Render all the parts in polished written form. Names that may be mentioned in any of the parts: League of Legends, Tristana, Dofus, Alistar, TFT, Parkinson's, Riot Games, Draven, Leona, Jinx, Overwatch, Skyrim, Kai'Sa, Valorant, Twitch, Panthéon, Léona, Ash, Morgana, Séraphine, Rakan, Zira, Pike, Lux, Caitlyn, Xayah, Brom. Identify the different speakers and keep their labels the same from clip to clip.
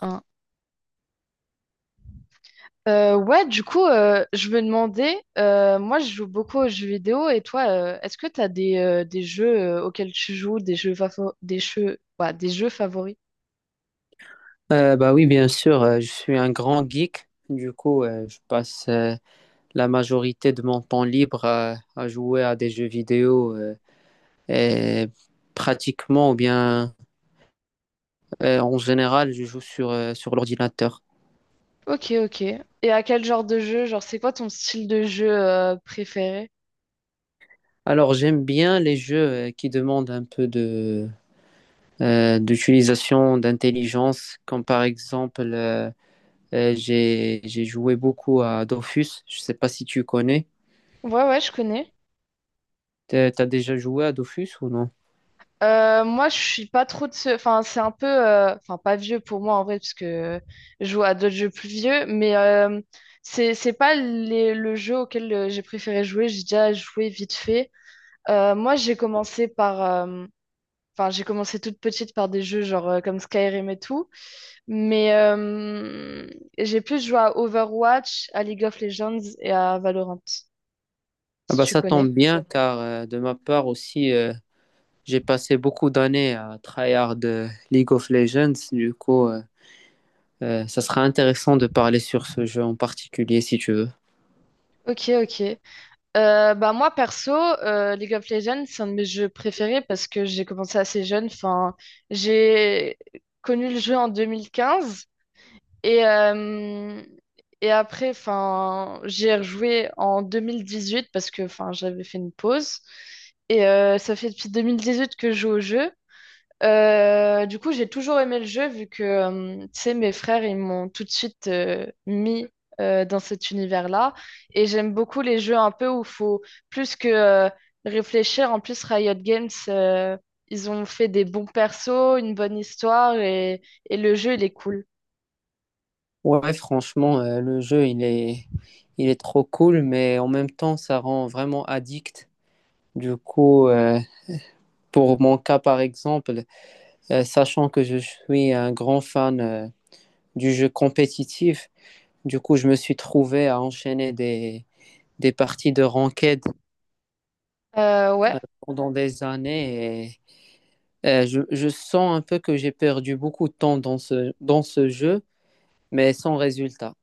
Speaker 1: Hein. Ouais, du coup, je me demandais, moi je joue beaucoup aux jeux vidéo et toi, est-ce que tu as des jeux auxquels tu joues, ouais, des jeux favoris?
Speaker 2: Bah oui, bien sûr, je suis un grand geek. Du coup, je passe la majorité de mon temps libre à jouer à des jeux vidéo. Et pratiquement, ou bien en général, je joue sur l'ordinateur.
Speaker 1: Ok, ok. Et à quel genre de jeu? Genre, c'est quoi ton style de jeu préféré?
Speaker 2: Alors, j'aime bien les jeux qui demandent un peu d'utilisation d'intelligence, comme par exemple, j'ai joué beaucoup à Dofus. Je ne sais pas si tu connais.
Speaker 1: Ouais, ouais, je connais.
Speaker 2: T'as déjà joué à Dofus ou non?
Speaker 1: Moi, je suis pas trop de ce. Enfin, c'est un peu. Enfin, pas vieux pour moi, en vrai, parce que je joue à d'autres jeux plus vieux, mais c'est pas le jeu auquel j'ai préféré jouer. J'ai déjà joué vite fait. Moi, j'ai commencé par, euh, enfin, j'ai commencé toute petite par des jeux genre comme Skyrim et tout, mais j'ai plus joué à Overwatch, à League of Legends et à Valorant,
Speaker 2: Ah
Speaker 1: si
Speaker 2: bah
Speaker 1: tu
Speaker 2: ça tombe
Speaker 1: connais.
Speaker 2: bien car de ma part aussi, j'ai passé beaucoup d'années à tryhard de League of Legends. Du coup, ça sera intéressant de parler sur ce jeu en particulier si tu veux.
Speaker 1: Ok, ok. Bah moi perso, League of Legends, c'est un de mes jeux préférés parce que j'ai commencé assez jeune. Enfin, j'ai connu le jeu en 2015. Et, euh, et après, enfin, j'ai rejoué en 2018 parce que enfin, j'avais fait une pause. Ça fait depuis 2018 que je joue au jeu. Du coup, j'ai toujours aimé le jeu vu que, tu sais, mes frères, ils m'ont tout de suite mis dans cet univers-là. Et j'aime beaucoup les jeux un peu où il faut plus que réfléchir. En plus, Riot Games, ils ont fait des bons persos, une bonne histoire et le jeu, il est cool.
Speaker 2: Ouais, franchement, le jeu, il est trop cool, mais en même temps, ça rend vraiment addict. Du coup, pour mon cas, par exemple, sachant que je suis un grand fan du jeu compétitif. Du coup, je me suis trouvé à enchaîner des parties de ranked
Speaker 1: Ouais.
Speaker 2: pendant des années et je sens un peu que j'ai perdu beaucoup de temps dans ce jeu, mais sans résultat.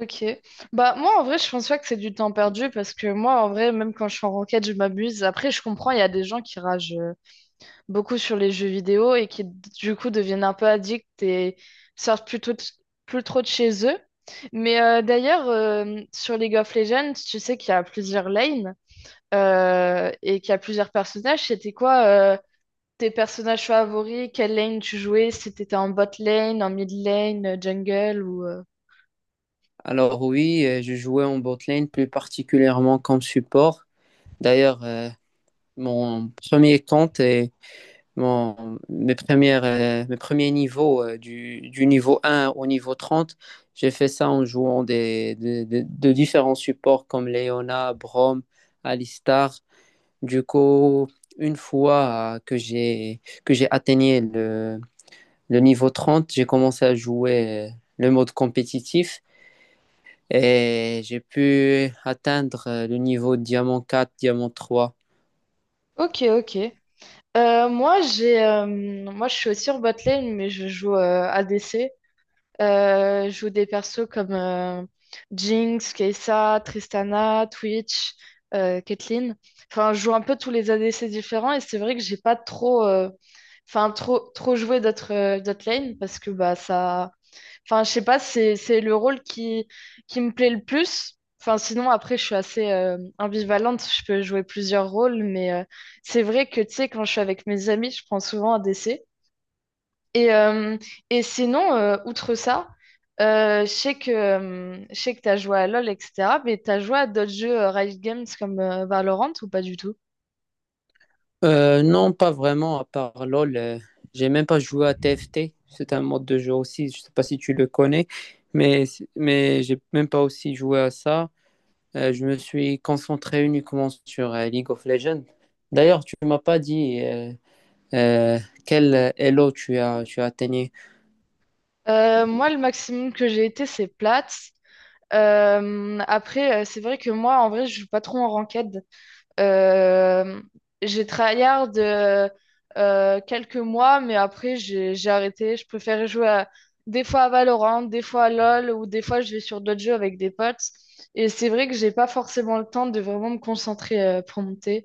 Speaker 1: Ok. Bah moi en vrai je pense pas que c'est du temps perdu parce que moi en vrai même quand je suis en ranked je m'amuse. Après je comprends, il y a des gens qui ragent beaucoup sur les jeux vidéo et qui du coup deviennent un peu addicts et sortent plutôt plus trop de chez eux. Mais d'ailleurs sur League of Legends, tu sais qu'il y a plusieurs lanes et qu'il y a plusieurs personnages. C'était quoi tes personnages favoris? Quelle lane tu jouais? Si t'étais en bot lane, en mid lane, jungle ou…
Speaker 2: Alors oui, je jouais en botlane, plus particulièrement comme support. D'ailleurs, mon premier compte est. Mes premiers niveaux, du niveau un au niveau 30, j'ai fait ça en jouant de différents supports comme Leona, Brom, Alistar. Du coup, une fois que j'ai atteigné le niveau 30. J'ai commencé à jouer le mode compétitif et j'ai pu atteindre le niveau diamant quatre, diamant trois.
Speaker 1: Ok, ok. Moi, je suis aussi en botlane, mais je joue ADC. Je joue des persos comme Jinx, Kai'Sa, Tristana, Twitch, Caitlyn. Enfin, je joue un peu tous les ADC différents et c'est vrai que j'ai pas trop, enfin, trop, trop joué d'autres lanes parce que bah, ça. Enfin, je sais pas, c'est le rôle qui me plaît le plus. Enfin, sinon, après, je suis assez ambivalente, je peux jouer plusieurs rôles, mais c'est vrai que, tu sais, quand je suis avec mes amis, je prends souvent un DC. Et, euh, et sinon, outre ça, je sais que tu as joué à LoL, etc., mais tu as joué à d'autres jeux Riot Games comme Valorant ou pas du tout?
Speaker 2: Non, pas vraiment, à part LoL. J'ai même pas joué à TFT. C'est un mode de jeu aussi. Je sais pas si tu le connais, mais, mais j'ai même pas aussi joué à ça. Je me suis concentré uniquement sur League of Legends. D'ailleurs, tu m'as pas dit euh, quel Elo tu as atteigné.
Speaker 1: Moi, le maximum que j'ai été, c'est plate. Après, c'est vrai que moi, en vrai, je joue pas trop en ranked. Euh, j'ai tryhard quelques mois, mais après j'ai arrêté. Je préférais jouer des fois à Valorant, des fois à LoL, ou des fois je vais sur d'autres jeux avec des potes. Et c'est vrai que j'ai pas forcément le temps de vraiment me concentrer pour monter.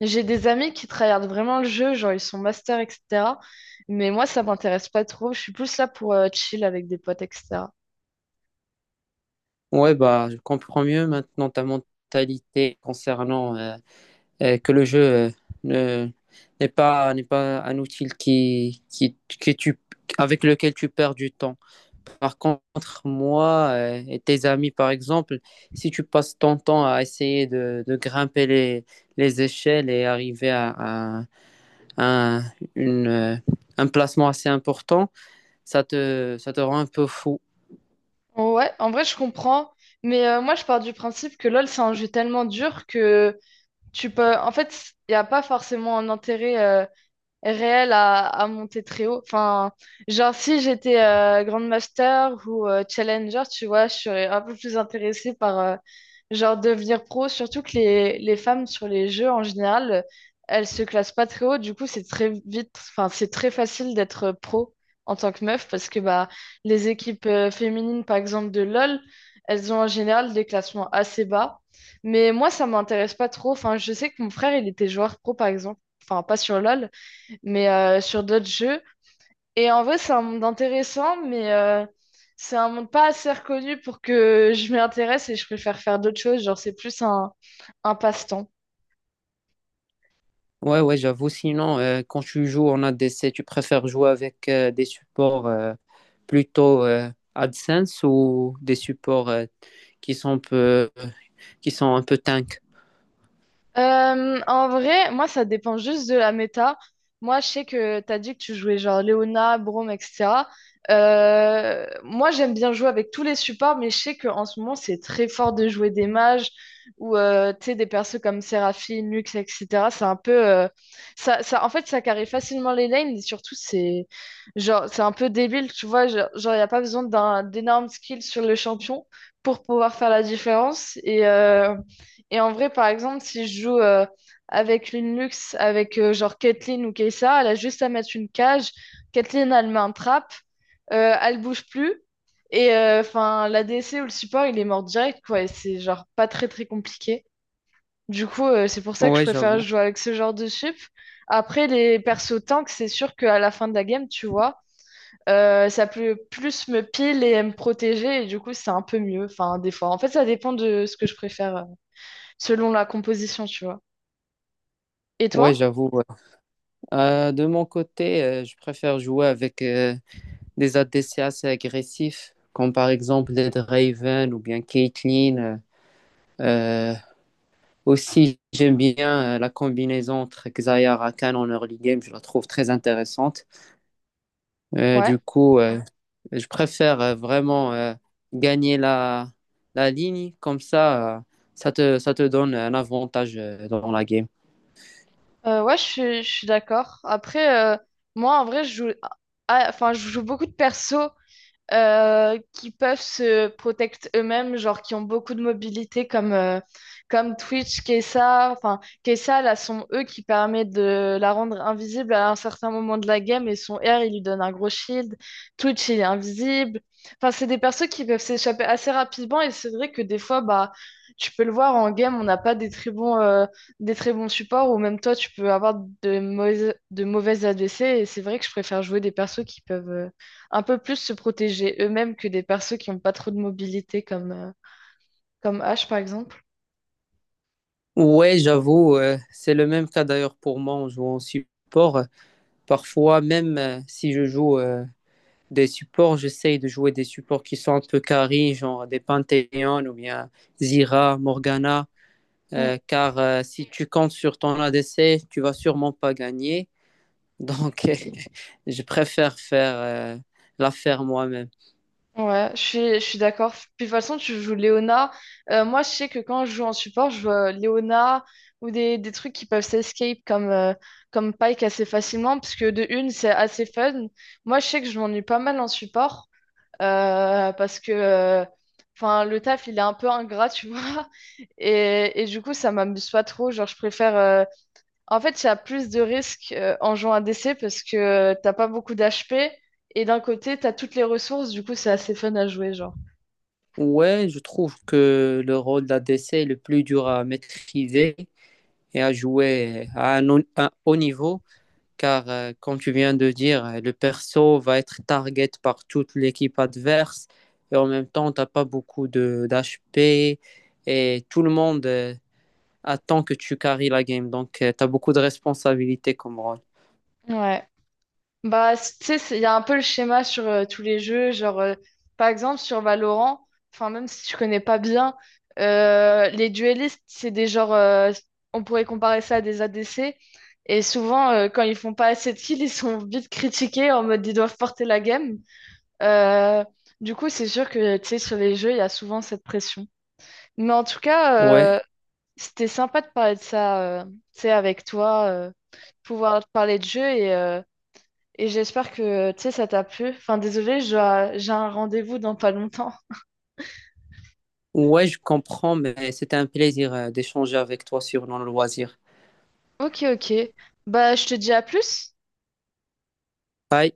Speaker 1: J'ai des amis qui tryhardent vraiment le jeu, genre ils sont masters, etc. Mais moi ça m'intéresse pas trop. Je suis plus là pour chill avec des potes, etc.
Speaker 2: Ouais, bah, je comprends mieux maintenant ta mentalité concernant que le jeu ne- n'est pas un outil avec lequel tu perds du temps. Par contre, moi et tes amis, par exemple, si tu passes ton temps à essayer de grimper les échelles et arriver à un, une, euh, un placement assez important, ça te rend un peu fou.
Speaker 1: Ouais, en vrai je comprends. Mais moi je pars du principe que LoL c'est un jeu tellement dur que tu peux, en fait, il n'y a pas forcément un intérêt réel à monter très haut. Enfin, genre si j'étais Grandmaster ou Challenger, tu vois, je serais un peu plus intéressée par genre devenir pro, surtout que les femmes sur les jeux en général, elles se classent pas très haut, du coup c'est très vite, enfin c'est très facile d'être pro en tant que meuf parce que bah les équipes féminines par exemple de LoL, elles ont en général des classements assez bas. Mais moi, ça m'intéresse pas trop. Enfin, je sais que mon frère, il était joueur pro, par exemple. Enfin, pas sur LoL, mais sur d'autres jeux. Et en vrai, c'est un monde intéressant, mais c'est un monde pas assez reconnu pour que je m'y intéresse et je préfère faire d'autres choses. Genre, c'est plus un passe-temps.
Speaker 2: Ouais, ouais, j'avoue. Sinon, quand tu joues en ADC, tu préfères jouer avec des supports plutôt AdSense ou des supports qui sont un peu, qui sont un peu tank?
Speaker 1: En vrai, moi, ça dépend juste de la méta. Moi, je sais que tu as dit que tu jouais genre Léona, Brome, etc. Moi, j'aime bien jouer avec tous les supports, mais je sais qu'en ce moment, c'est très fort de jouer des mages ou tu sais, des persos comme Séraphine, Lux, etc. C'est un peu, en fait, ça carry facilement les lanes et surtout, c'est genre, c'est un peu débile, tu vois. Genre, il n'y a pas besoin d'énormes skills sur le champion pour pouvoir faire la différence. Et en vrai, par exemple, si je joue avec une luxe, avec genre Caitlyn ou Kessa, elle a juste à mettre une cage. Caitlyn, elle met un trap, elle bouge plus. Enfin, l'ADC ou le support, il est mort direct, quoi. Et c'est genre pas très très compliqué. Du coup, c'est pour ça que je
Speaker 2: Ouais,
Speaker 1: préfère
Speaker 2: j'avoue.
Speaker 1: jouer avec ce genre de sup. Après, les persos tank, c'est sûr qu'à la fin de la game, tu vois, ça peut plus me pile et me protéger. Et du coup, c'est un peu mieux. Enfin, des fois. En fait, ça dépend de ce que je préfère, selon la composition, tu vois. Et
Speaker 2: Ouais,
Speaker 1: toi?
Speaker 2: j'avoue, ouais. De mon côté, je préfère jouer avec des ADC assez agressifs, comme par exemple les Draven ou bien Caitlyn. Euh, euh, Aussi, j'aime bien la combinaison entre Xayah et Rakan en early game. Je la trouve très intéressante.
Speaker 1: Ouais.
Speaker 2: Du coup, je préfère vraiment gagner la ligne, comme ça, ça te donne un avantage dans la game.
Speaker 1: Ouais, je suis d'accord. Après, moi, en vrai, je joue beaucoup de persos qui peuvent se protecter eux-mêmes, genre qui ont beaucoup de mobilité comme Twitch, Kesa. Enfin, Kesa, là, sont eux qui permettent de la rendre invisible à un certain moment de la game et son R, il lui donne un gros shield. Twitch, il est invisible. Enfin, c'est des persos qui peuvent s'échapper assez rapidement et c'est vrai que des fois, bah, tu peux le voir en game, on n'a pas des très bons supports ou même toi, tu peux avoir de mauvaises ADC et c'est vrai que je préfère jouer des persos qui peuvent, un peu plus se protéger eux-mêmes que des persos qui n'ont pas trop de mobilité comme Ash par exemple.
Speaker 2: Ouais, j'avoue, c'est le même cas d'ailleurs pour moi en jouant en support. Parfois, même si je joue des supports, j'essaye de jouer des supports qui sont un peu carry, genre des Panthéon ou bien Zira, Morgana,
Speaker 1: Mm.
Speaker 2: car si tu comptes sur ton ADC, tu vas sûrement pas gagner. Donc, je préfère faire la faire moi-même.
Speaker 1: Ouais, je suis d'accord. Puis de toute façon, tu joues Léona. Moi, je sais que quand je joue en support, je joue Léona ou des trucs qui peuvent s'escape comme Pike assez facilement, parce que de une, c'est assez fun. Moi, je sais que je m'ennuie pas mal en support parce que enfin, le taf, il est un peu ingrat, tu vois. Et du coup, ça m'amuse pas trop. Genre, je préfère en fait, il y a plus de risques en jouant à DC parce que t'as pas beaucoup d'HP et d'un côté, t'as toutes les ressources, du coup, c'est assez fun à jouer, genre.
Speaker 2: Ouais, je trouve que le rôle d'ADC est le plus dur à maîtriser et à jouer à un haut niveau, car comme tu viens de dire, le perso va être target par toute l'équipe adverse et en même temps, tu n'as pas beaucoup de d'HP et tout le monde attend que tu carries la game. Donc, tu as beaucoup de responsabilités comme rôle.
Speaker 1: Ouais. Bah, tu sais, il y a un peu le schéma sur tous les jeux, genre, par exemple, sur Valorant, enfin, même si tu connais pas bien, les duellistes, c'est des genres, on pourrait comparer ça à des ADC, et souvent, quand ils font pas assez de kills, ils sont vite critiqués en mode ils doivent porter la game. Euh, du coup, c'est sûr que, tu sais, sur les jeux, il y a souvent cette pression. Mais en tout
Speaker 2: Ouais.
Speaker 1: cas, c'était sympa de parler de ça, tu sais, avec toi, pouvoir te parler de jeu et j'espère que, tu sais, ça t'a plu. Enfin, désolé, j'ai un rendez-vous dans pas longtemps.
Speaker 2: Ouais, je comprends, mais c'était un plaisir d'échanger avec toi sur nos loisirs.
Speaker 1: Ok, ok. Bah, je te dis à plus.
Speaker 2: Bye.